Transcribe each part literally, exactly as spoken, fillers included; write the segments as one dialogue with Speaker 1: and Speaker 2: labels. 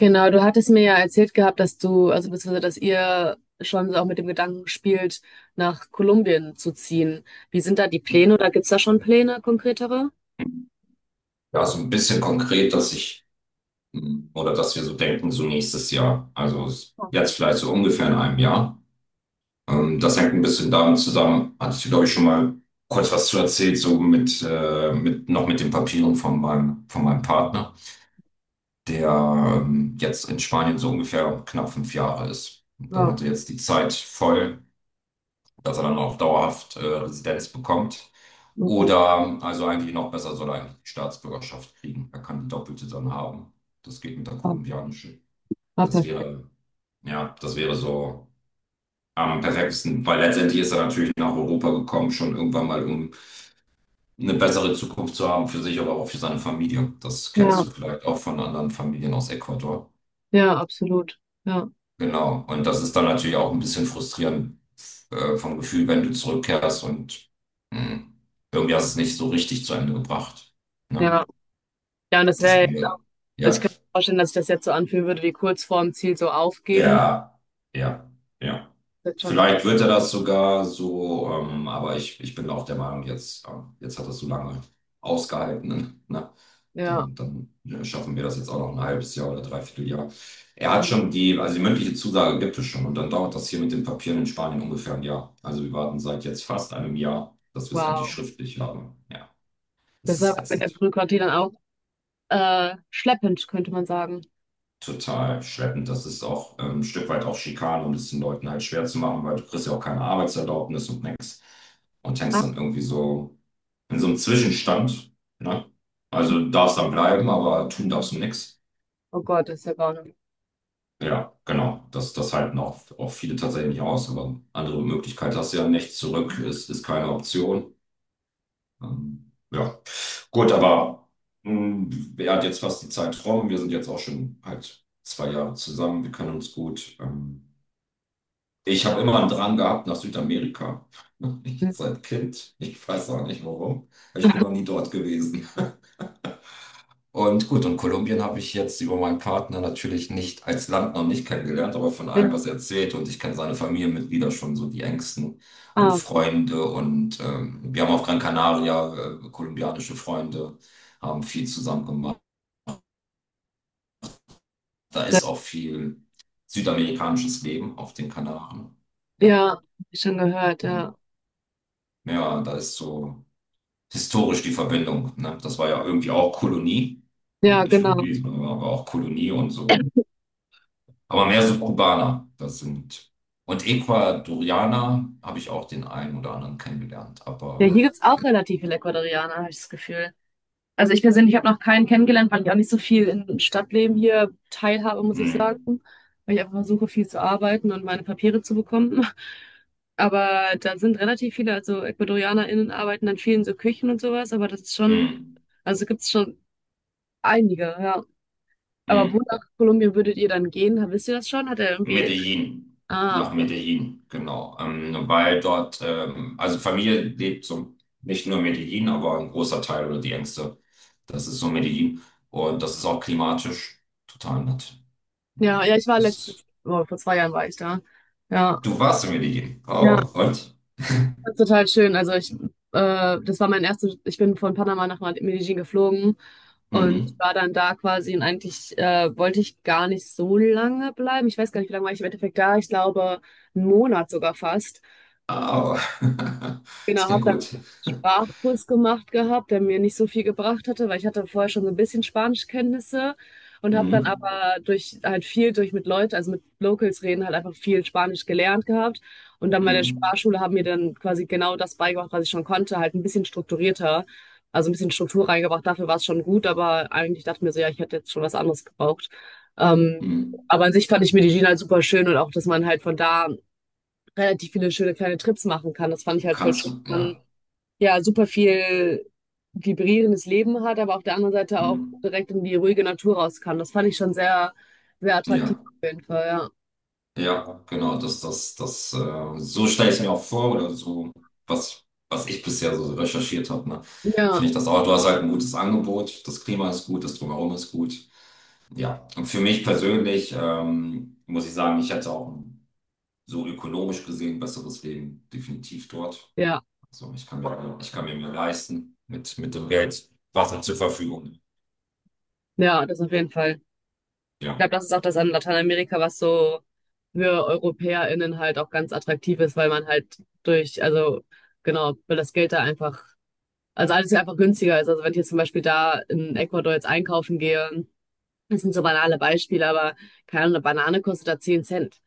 Speaker 1: Genau, du hattest mir ja erzählt gehabt, dass du, also beziehungsweise, dass ihr schon so auch mit dem Gedanken spielt, nach Kolumbien zu ziehen. Wie sind da die Pläne oder gibt's da schon Pläne konkretere?
Speaker 2: Ja, so ein bisschen konkret, dass ich hm, oder dass wir so denken, so nächstes Jahr. Also es- jetzt vielleicht so ungefähr in einem Jahr. Ähm, das hängt ein bisschen damit zusammen, hatte ich, glaube ich, schon mal kurz was zu erzählt, so mit, äh, mit noch mit den Papieren von meinem, von meinem Partner, der ähm, jetzt in Spanien so ungefähr knapp fünf Jahre ist. Und dann
Speaker 1: Ja,
Speaker 2: hat er jetzt die Zeit voll, dass er dann auch dauerhaft äh, Residenz bekommt.
Speaker 1: okay.
Speaker 2: Oder, also eigentlich noch besser, soll er eigentlich die Staatsbürgerschaft kriegen. Er kann die doppelte dann haben. Das geht mit der
Speaker 1: Ah,
Speaker 2: kolumbianischen.
Speaker 1: ah,
Speaker 2: Das
Speaker 1: perfekt.
Speaker 2: wäre, ja, das wäre so am perfektesten, weil letztendlich ist er natürlich nach Europa gekommen, schon irgendwann mal, um eine bessere Zukunft zu haben für sich, aber auch für seine Familie. Das kennst
Speaker 1: Ja,
Speaker 2: du vielleicht auch von anderen Familien aus Ecuador.
Speaker 1: ja, absolut. Ja,
Speaker 2: Genau. Und das ist dann natürlich auch ein bisschen frustrierend äh, vom Gefühl, wenn du zurückkehrst und mh, irgendwie hast du es nicht so richtig zu Ende gebracht. Ne?
Speaker 1: ja. Ja, und das wäre,
Speaker 2: Deswegen,
Speaker 1: also
Speaker 2: ja,
Speaker 1: ich kann mir vorstellen, dass ich das jetzt so anfühlen würde, wie kurz vorm Ziel so aufgeben.
Speaker 2: ja, ja, ja.
Speaker 1: Das ist schon auch,
Speaker 2: Vielleicht wird er das sogar so, ähm, aber ich, ich bin auch der Meinung, jetzt, ähm, jetzt hat er so lange ausgehalten. Ne? ne?
Speaker 1: ja,
Speaker 2: Dann, dann ne, schaffen wir das jetzt auch noch ein halbes Jahr oder dreiviertel Jahr. Er hat schon die, also die mündliche Zusage gibt es schon und dann dauert das hier mit den Papieren in Spanien ungefähr ein Jahr. Also wir warten seit jetzt fast einem Jahr, dass wir es endlich
Speaker 1: wow.
Speaker 2: schriftlich haben. Ja, es
Speaker 1: Das ist
Speaker 2: ist
Speaker 1: aber mit der
Speaker 2: ätzend.
Speaker 1: Bürokratie dann auch äh, schleppend, könnte man sagen.
Speaker 2: Total schleppend. Das ist auch ähm, ein Stück weit auch Schikane, um es den Leuten halt schwer zu machen, weil du kriegst ja auch keine Arbeitserlaubnis und nix. Und
Speaker 1: Ah,
Speaker 2: hängst dann irgendwie so in so einem Zwischenstand. Ne? Also du darfst dann bleiben, aber tun darfst du nix.
Speaker 1: oh Gott, das ist ja gar nicht.
Speaker 2: Ja, genau. Das, das halten auch, auch viele tatsächlich nicht aus, aber andere Möglichkeit hast du ja nicht. Zurück ist, ist keine Option. Ähm, ja, gut, aber mh, er hat jetzt fast die Zeit rum. Wir sind jetzt auch schon halt zwei Jahre zusammen. Wir kennen uns gut. Ähm, Ich habe immer einen Drang gehabt nach Südamerika. Ich,
Speaker 1: Ja.
Speaker 2: seit Kind. Ich weiß auch nicht warum. Ich bin noch nie dort gewesen. Und gut, und Kolumbien habe ich jetzt über meinen Partner natürlich nicht als Land noch nicht kennengelernt, aber von allem, was er erzählt. Und ich kenne seine Familienmitglieder schon so die engsten und
Speaker 1: Ah, okay.
Speaker 2: Freunde. Und ähm, wir haben auf Gran Canaria äh, kolumbianische Freunde, haben viel zusammen gemacht. Da ist auch viel südamerikanisches Leben auf den Kanaren. Ja,
Speaker 1: Ja, schon gehört,
Speaker 2: und
Speaker 1: ja.
Speaker 2: ja, da ist so historisch die Verbindung. Ne? Das war ja irgendwie auch Kolonie. Also
Speaker 1: Ja,
Speaker 2: nicht
Speaker 1: genau.
Speaker 2: irgendwie, sondern war auch Kolonie und so. Aber mehr so Kubaner. Das sind. Und Ecuadorianer habe ich auch den einen oder anderen kennengelernt.
Speaker 1: Ja,
Speaker 2: Aber
Speaker 1: hier gibt's auch relativ viele Ecuadorianer, habe ich das Gefühl. Also ich persönlich habe noch keinen kennengelernt, weil ich auch nicht so viel im Stadtleben hier teilhabe, muss ich
Speaker 2: mh,
Speaker 1: sagen. Weil ich einfach versuche, viel zu arbeiten und meine Papiere zu bekommen. Aber da sind relativ viele, also EcuadorianerInnen arbeiten dann vielen so Küchen und sowas, aber das ist
Speaker 2: mh,
Speaker 1: schon, also gibt's schon einige, ja. Aber wo
Speaker 2: mh.
Speaker 1: nach Kolumbien würdet ihr dann gehen? Wisst ihr das schon? Hat er irgendwie.
Speaker 2: Medellin.
Speaker 1: Ah,
Speaker 2: Nach
Speaker 1: okay.
Speaker 2: Medellin, genau. Ähm, weil dort, ähm, also Familie lebt so nicht nur in Medellin, aber ein großer Teil oder die Ängste. Das ist so Medellin. Und das ist auch klimatisch total nett.
Speaker 1: Ja, ja, ich war
Speaker 2: Das
Speaker 1: letztens,
Speaker 2: ist.
Speaker 1: oh, vor zwei Jahren war ich da. Ja,
Speaker 2: Du warst in Medellin.
Speaker 1: ja,
Speaker 2: Oh, und?
Speaker 1: das ist total schön. Also ich, äh, das war mein erstes, ich bin von Panama nach Medellin geflogen und
Speaker 2: Mhm.
Speaker 1: war dann da quasi und eigentlich äh, wollte ich gar nicht so lange bleiben. Ich weiß gar nicht, wie lange war ich im Endeffekt da. Ich glaube, einen Monat sogar fast.
Speaker 2: Oh. Das
Speaker 1: Genau, habe
Speaker 2: klingt
Speaker 1: dann
Speaker 2: gut.
Speaker 1: Sprachkurs gemacht gehabt, der mir nicht so viel gebracht hatte, weil ich hatte vorher schon so ein bisschen Spanischkenntnisse und habe dann
Speaker 2: Mhm.
Speaker 1: aber durch halt viel durch mit Leuten, also mit Locals reden, halt einfach viel Spanisch gelernt gehabt. Und dann bei der
Speaker 2: Mhm.
Speaker 1: Sprachschule haben mir dann quasi genau das beigebracht, was ich schon konnte, halt ein bisschen strukturierter, also ein bisschen Struktur reingebracht. Dafür war es schon gut, aber eigentlich dachte ich mir so, ja, ich hätte jetzt schon was anderes gebraucht. Ähm,
Speaker 2: Mhm.
Speaker 1: aber an sich fand ich Medellin halt super schön und auch, dass man halt von da relativ viele schöne kleine Trips machen kann. Das fand ich halt voll
Speaker 2: Kannst
Speaker 1: schön.
Speaker 2: du,
Speaker 1: Man
Speaker 2: ja.
Speaker 1: ja super viel vibrierendes Leben hat, aber auf der anderen Seite
Speaker 2: Mhm.
Speaker 1: auch direkt in die ruhige Natur raus kann. Das fand ich schon sehr, sehr attraktiv
Speaker 2: Ja,
Speaker 1: auf jeden Fall, ja.
Speaker 2: ja, genau. Das, das, das, äh, so stelle ich es mir auch vor, oder so, was, was ich bisher so recherchiert habe, ne?
Speaker 1: Ja,
Speaker 2: Finde ich das auch. Du hast halt ein gutes Angebot, das Klima ist gut, das Drumherum ist gut. Ja, und für mich persönlich ähm, muss ich sagen, ich hätte auch so ökonomisch gesehen besseres Leben definitiv dort.
Speaker 1: ja,
Speaker 2: So, ich kann mir, ich kann mir mehr leisten mit, mit dem Geld, was er zur Verfügung.
Speaker 1: ja, das auf jeden Fall. Ich
Speaker 2: Ja,
Speaker 1: glaube, das ist auch das an Lateinamerika, was so für EuropäerInnen halt auch ganz attraktiv ist, weil man halt durch, also genau, weil das Geld da einfach, also alles ja einfach günstiger ist. Also wenn ich jetzt zum Beispiel da in Ecuador jetzt einkaufen gehe, das sind so banale Beispiele, aber keine Ahnung, eine Banane kostet da zehn Cent.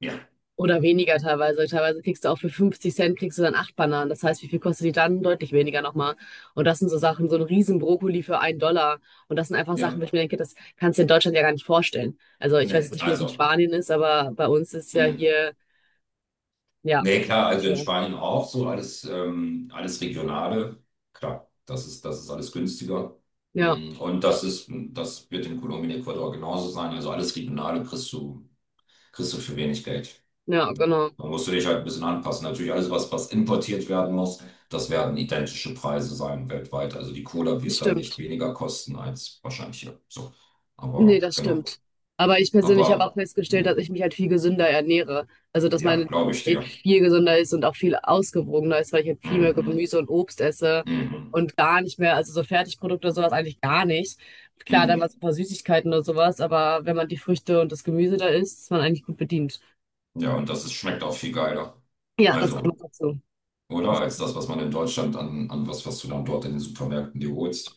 Speaker 2: ja,
Speaker 1: Oder weniger teilweise. Teilweise kriegst du auch für fünfzig Cent kriegst du dann acht Bananen. Das heißt, wie viel kostet die dann? Deutlich weniger nochmal. Und das sind so Sachen, so ein riesen Brokkoli für einen Dollar. Und das sind einfach Sachen,
Speaker 2: ja.
Speaker 1: wo ich mir denke, das kannst du in Deutschland ja gar nicht vorstellen. Also ich weiß
Speaker 2: Nee,
Speaker 1: jetzt nicht, wie das in
Speaker 2: also.
Speaker 1: Spanien ist, aber bei uns ist ja
Speaker 2: Mh.
Speaker 1: hier, ja,
Speaker 2: Nee, klar, also in
Speaker 1: ja,
Speaker 2: Spanien auch so alles, ähm, alles Regionale. Klar, das ist, das ist alles günstiger. Mm, Und das ist, das wird in Kolumbien, Ecuador genauso sein. Also alles Regionale kriegst du, kriegst du für wenig Geld.
Speaker 1: ja, genau.
Speaker 2: Dann musst du dich halt ein bisschen anpassen. Natürlich alles, was, was importiert werden muss, das werden identische Preise sein weltweit. Also die Cola
Speaker 1: Das
Speaker 2: wird dann nicht
Speaker 1: stimmt.
Speaker 2: weniger kosten als wahrscheinlich hier. So.
Speaker 1: Nee,
Speaker 2: Aber
Speaker 1: das
Speaker 2: genau.
Speaker 1: stimmt. Aber ich persönlich habe auch
Speaker 2: Aber
Speaker 1: festgestellt, dass
Speaker 2: hm,
Speaker 1: ich mich halt viel gesünder ernähre. Also, dass
Speaker 2: ja,
Speaker 1: meine
Speaker 2: glaube ich
Speaker 1: Diät
Speaker 2: dir.
Speaker 1: viel gesünder ist und auch viel ausgewogener ist, weil ich halt viel mehr
Speaker 2: Mhm,
Speaker 1: Gemüse und Obst esse
Speaker 2: mhm,
Speaker 1: und gar nicht mehr, also so Fertigprodukte und sowas eigentlich gar nicht. Klar, dann mal
Speaker 2: mhm.
Speaker 1: so ein paar Süßigkeiten oder sowas, aber wenn man die Früchte und das Gemüse da isst, ist man eigentlich gut bedient.
Speaker 2: Ja, und das ist, schmeckt auch viel geiler.
Speaker 1: Ja, das kommt noch
Speaker 2: Also,
Speaker 1: dazu. Das
Speaker 2: oder? Als
Speaker 1: kommt
Speaker 2: das, was man in Deutschland an, an was, was du dann dort in den Supermärkten dir holst.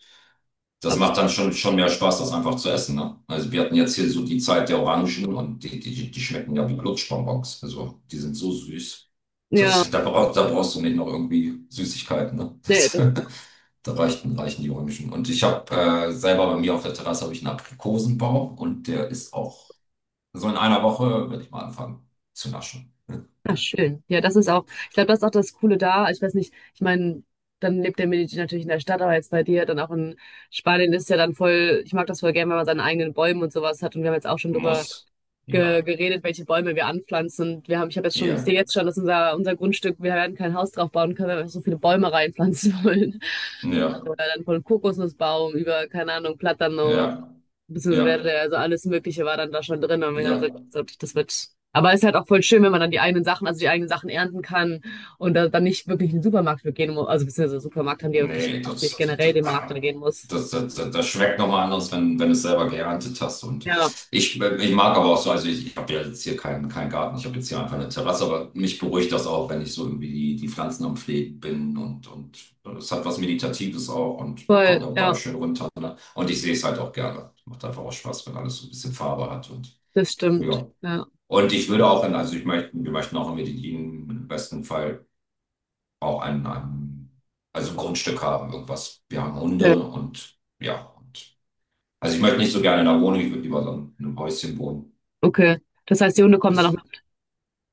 Speaker 2: Das macht
Speaker 1: absolut.
Speaker 2: dann schon, schon mehr Spaß, das einfach zu essen, ne? Also wir hatten jetzt hier so die Zeit der Orangen und die, die, die schmecken ja wie Lutschbonbons. Also die sind so süß.
Speaker 1: Ja,
Speaker 2: Das, da, brauch, da brauchst du nicht noch irgendwie Süßigkeiten, ne?
Speaker 1: nee,
Speaker 2: Das, da reichten, reichen die Orangen. Und ich habe äh, selber bei mir auf der Terrasse habe ich einen Aprikosenbaum und der ist auch so in einer Woche, werde ich mal anfangen zu naschen.
Speaker 1: Ah, schön. Ja, das ist auch, ich glaube, das ist auch das Coole da. Ich weiß nicht, ich meine, dann lebt der Medici natürlich in der Stadt, aber jetzt bei dir dann auch in Spanien ist ja dann voll, ich mag das voll gern, wenn man seine eigenen Bäume und sowas hat. Und wir haben jetzt auch schon drüber
Speaker 2: Muss.
Speaker 1: ge
Speaker 2: Ja.
Speaker 1: geredet, welche Bäume wir anpflanzen. Und wir haben, ich habe jetzt schon, ich
Speaker 2: Ja.
Speaker 1: sehe jetzt schon, dass unser, unser Grundstück, wir werden kein Haus drauf bauen können, weil wir so viele Bäume reinpflanzen wollen.
Speaker 2: Ja.
Speaker 1: Oder dann von Kokosnussbaum über, keine Ahnung, Platano.
Speaker 2: Ja,
Speaker 1: Beziehungsweise
Speaker 2: ja,
Speaker 1: wäre, also alles Mögliche war dann da schon drin und wir haben
Speaker 2: ja.
Speaker 1: gesagt, so, das wird. Aber es ist halt auch voll schön, wenn man dann die eigenen Sachen, also die eigenen Sachen ernten kann und da, dann nicht wirklich in den Supermarkt gehen muss, also beziehungsweise Supermarkt haben die ja wirklich
Speaker 2: Nee,
Speaker 1: auch nicht
Speaker 2: das, das,
Speaker 1: generell
Speaker 2: das,
Speaker 1: den Markt dann gehen muss.
Speaker 2: das, das, das das schmeckt nochmal anders, wenn, wenn du es selber geerntet hast. Und
Speaker 1: Ja,
Speaker 2: ich, ich mag aber auch so, also ich, ich habe ja jetzt hier keinen keinen Garten, ich habe jetzt hier einfach eine Terrasse, aber mich beruhigt das auch, wenn ich so irgendwie die, die Pflanzen am Pflegen bin und, und es hat was Meditatives auch und kommt
Speaker 1: voll,
Speaker 2: dabei
Speaker 1: ja,
Speaker 2: schön runter. Ne? Und ich sehe es halt auch gerne. Macht einfach auch Spaß, wenn alles so ein bisschen Farbe hat und
Speaker 1: das stimmt.
Speaker 2: ja.
Speaker 1: Ja.
Speaker 2: Und ich würde auch, in, also ich möchte, wir möchten auch in Medellin im besten Fall auch ein, ein also ein Grundstück haben, irgendwas. Wir haben
Speaker 1: Ja.
Speaker 2: Hunde und ja. Und, also ich möchte nicht so gerne in einer Wohnung, ich würde lieber so in einem Häuschen wohnen.
Speaker 1: Okay. Das heißt, die Hunde kommen dann auch
Speaker 2: Bis,
Speaker 1: noch,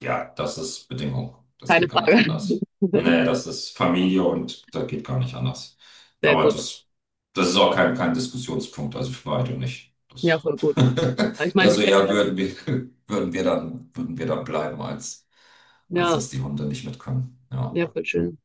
Speaker 2: ja, das ist Bedingung. Das
Speaker 1: keine
Speaker 2: geht gar nicht
Speaker 1: Frage.
Speaker 2: anders. Nee, das ist Familie und das geht gar nicht anders.
Speaker 1: Sehr
Speaker 2: Aber
Speaker 1: gut.
Speaker 2: das, das ist auch kein, kein Diskussionspunkt, also für beide nicht.
Speaker 1: Ja,
Speaker 2: Das,
Speaker 1: voll gut. Ich meine,
Speaker 2: eher
Speaker 1: ich
Speaker 2: so eher
Speaker 1: kenne,
Speaker 2: würden wir, würden wir dann, würden wir dann bleiben, als, als
Speaker 1: ja,
Speaker 2: dass die Hunde nicht mit können. Ja.
Speaker 1: ja, voll schön.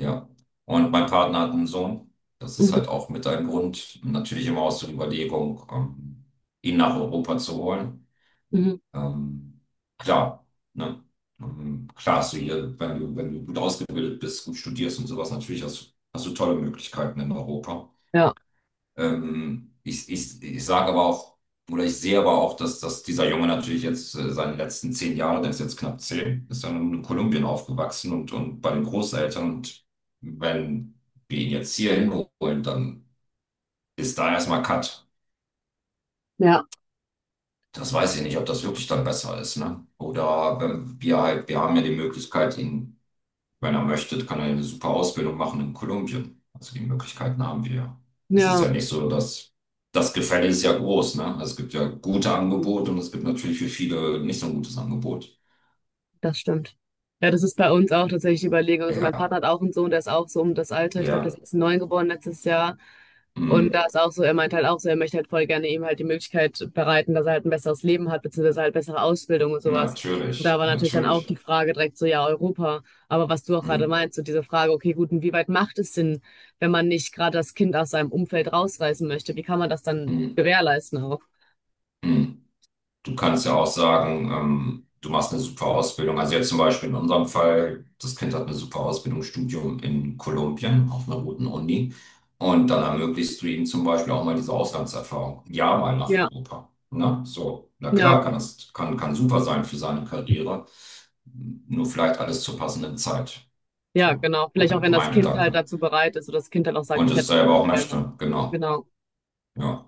Speaker 2: Ja, und mein Partner hat einen Sohn. Das ist
Speaker 1: Mhm,
Speaker 2: halt auch mit ein Grund, natürlich immer aus der Überlegung, ähm, ihn nach Europa zu holen.
Speaker 1: mhm.
Speaker 2: Ähm, klar, ne? Ähm, klar hast du hier, wenn du, wenn du gut ausgebildet bist, gut studierst und sowas, natürlich hast, hast du tolle Möglichkeiten in Europa.
Speaker 1: Ja,
Speaker 2: Ähm, ich ich, ich sage aber auch, oder ich sehe aber auch, dass, dass dieser Junge natürlich jetzt äh, seine letzten zehn Jahre, der ist jetzt knapp zehn, ist dann in Kolumbien aufgewachsen und, und bei den Großeltern. Und wenn wir ihn jetzt hier hinholen, dann ist da erstmal Cut.
Speaker 1: ja,
Speaker 2: Das weiß ich nicht, ob das wirklich dann besser ist, ne? Oder wenn wir halt, wir haben ja die Möglichkeit, ihn wenn er möchte, kann er eine super Ausbildung machen in Kolumbien. Also die Möglichkeiten haben wir ja. Es ist
Speaker 1: ja.
Speaker 2: ja nicht so, dass das Gefälle ist ja groß, ne? Also es gibt ja gute Angebote und es gibt natürlich für viele nicht so ein gutes Angebot.
Speaker 1: Das stimmt. Ja, das ist bei uns auch tatsächlich die Überlegung. Also mein
Speaker 2: Ja,
Speaker 1: Partner hat auch einen Sohn, der ist auch so um das Alter. Ich glaube, der
Speaker 2: ja,
Speaker 1: ist jetzt neun geboren letztes Jahr. Und da
Speaker 2: mm,
Speaker 1: ist auch so, er meint halt auch so, er möchte halt voll gerne ihm halt die Möglichkeit bereiten, dass er halt ein besseres Leben hat, beziehungsweise halt bessere Ausbildung und sowas. Und da
Speaker 2: natürlich,
Speaker 1: war natürlich dann auch die
Speaker 2: natürlich.
Speaker 1: Frage direkt so, ja, Europa. Aber was du auch gerade
Speaker 2: Mm,
Speaker 1: meinst, so diese Frage, okay, gut, und wie weit macht es Sinn, wenn man nicht gerade das Kind aus seinem Umfeld rausreißen möchte? Wie kann man das dann
Speaker 2: mm,
Speaker 1: gewährleisten auch?
Speaker 2: mm. Du kannst ja auch sagen, ähm, du machst eine super Ausbildung. Also jetzt zum Beispiel in unserem Fall, das Kind hat eine super Ausbildung, Studium in Kolumbien auf einer guten Uni. Und dann ermöglichst du ihm zum Beispiel auch mal diese Auslandserfahrung. Ja, mal nach
Speaker 1: Ja,
Speaker 2: Europa. Na, so. Na
Speaker 1: ja,
Speaker 2: klar, kann das, kann, kann super sein für seine Karriere. Nur vielleicht alles zur passenden Zeit.
Speaker 1: Ja,
Speaker 2: So,
Speaker 1: genau. Vielleicht auch,
Speaker 2: mein,
Speaker 1: wenn das
Speaker 2: mein
Speaker 1: Kind halt
Speaker 2: Gedanke.
Speaker 1: dazu bereit ist oder das Kind halt auch sagt,
Speaker 2: Und
Speaker 1: ich
Speaker 2: es
Speaker 1: hätte
Speaker 2: selber auch
Speaker 1: gerne.
Speaker 2: möchte, genau.
Speaker 1: Genau.
Speaker 2: Ja.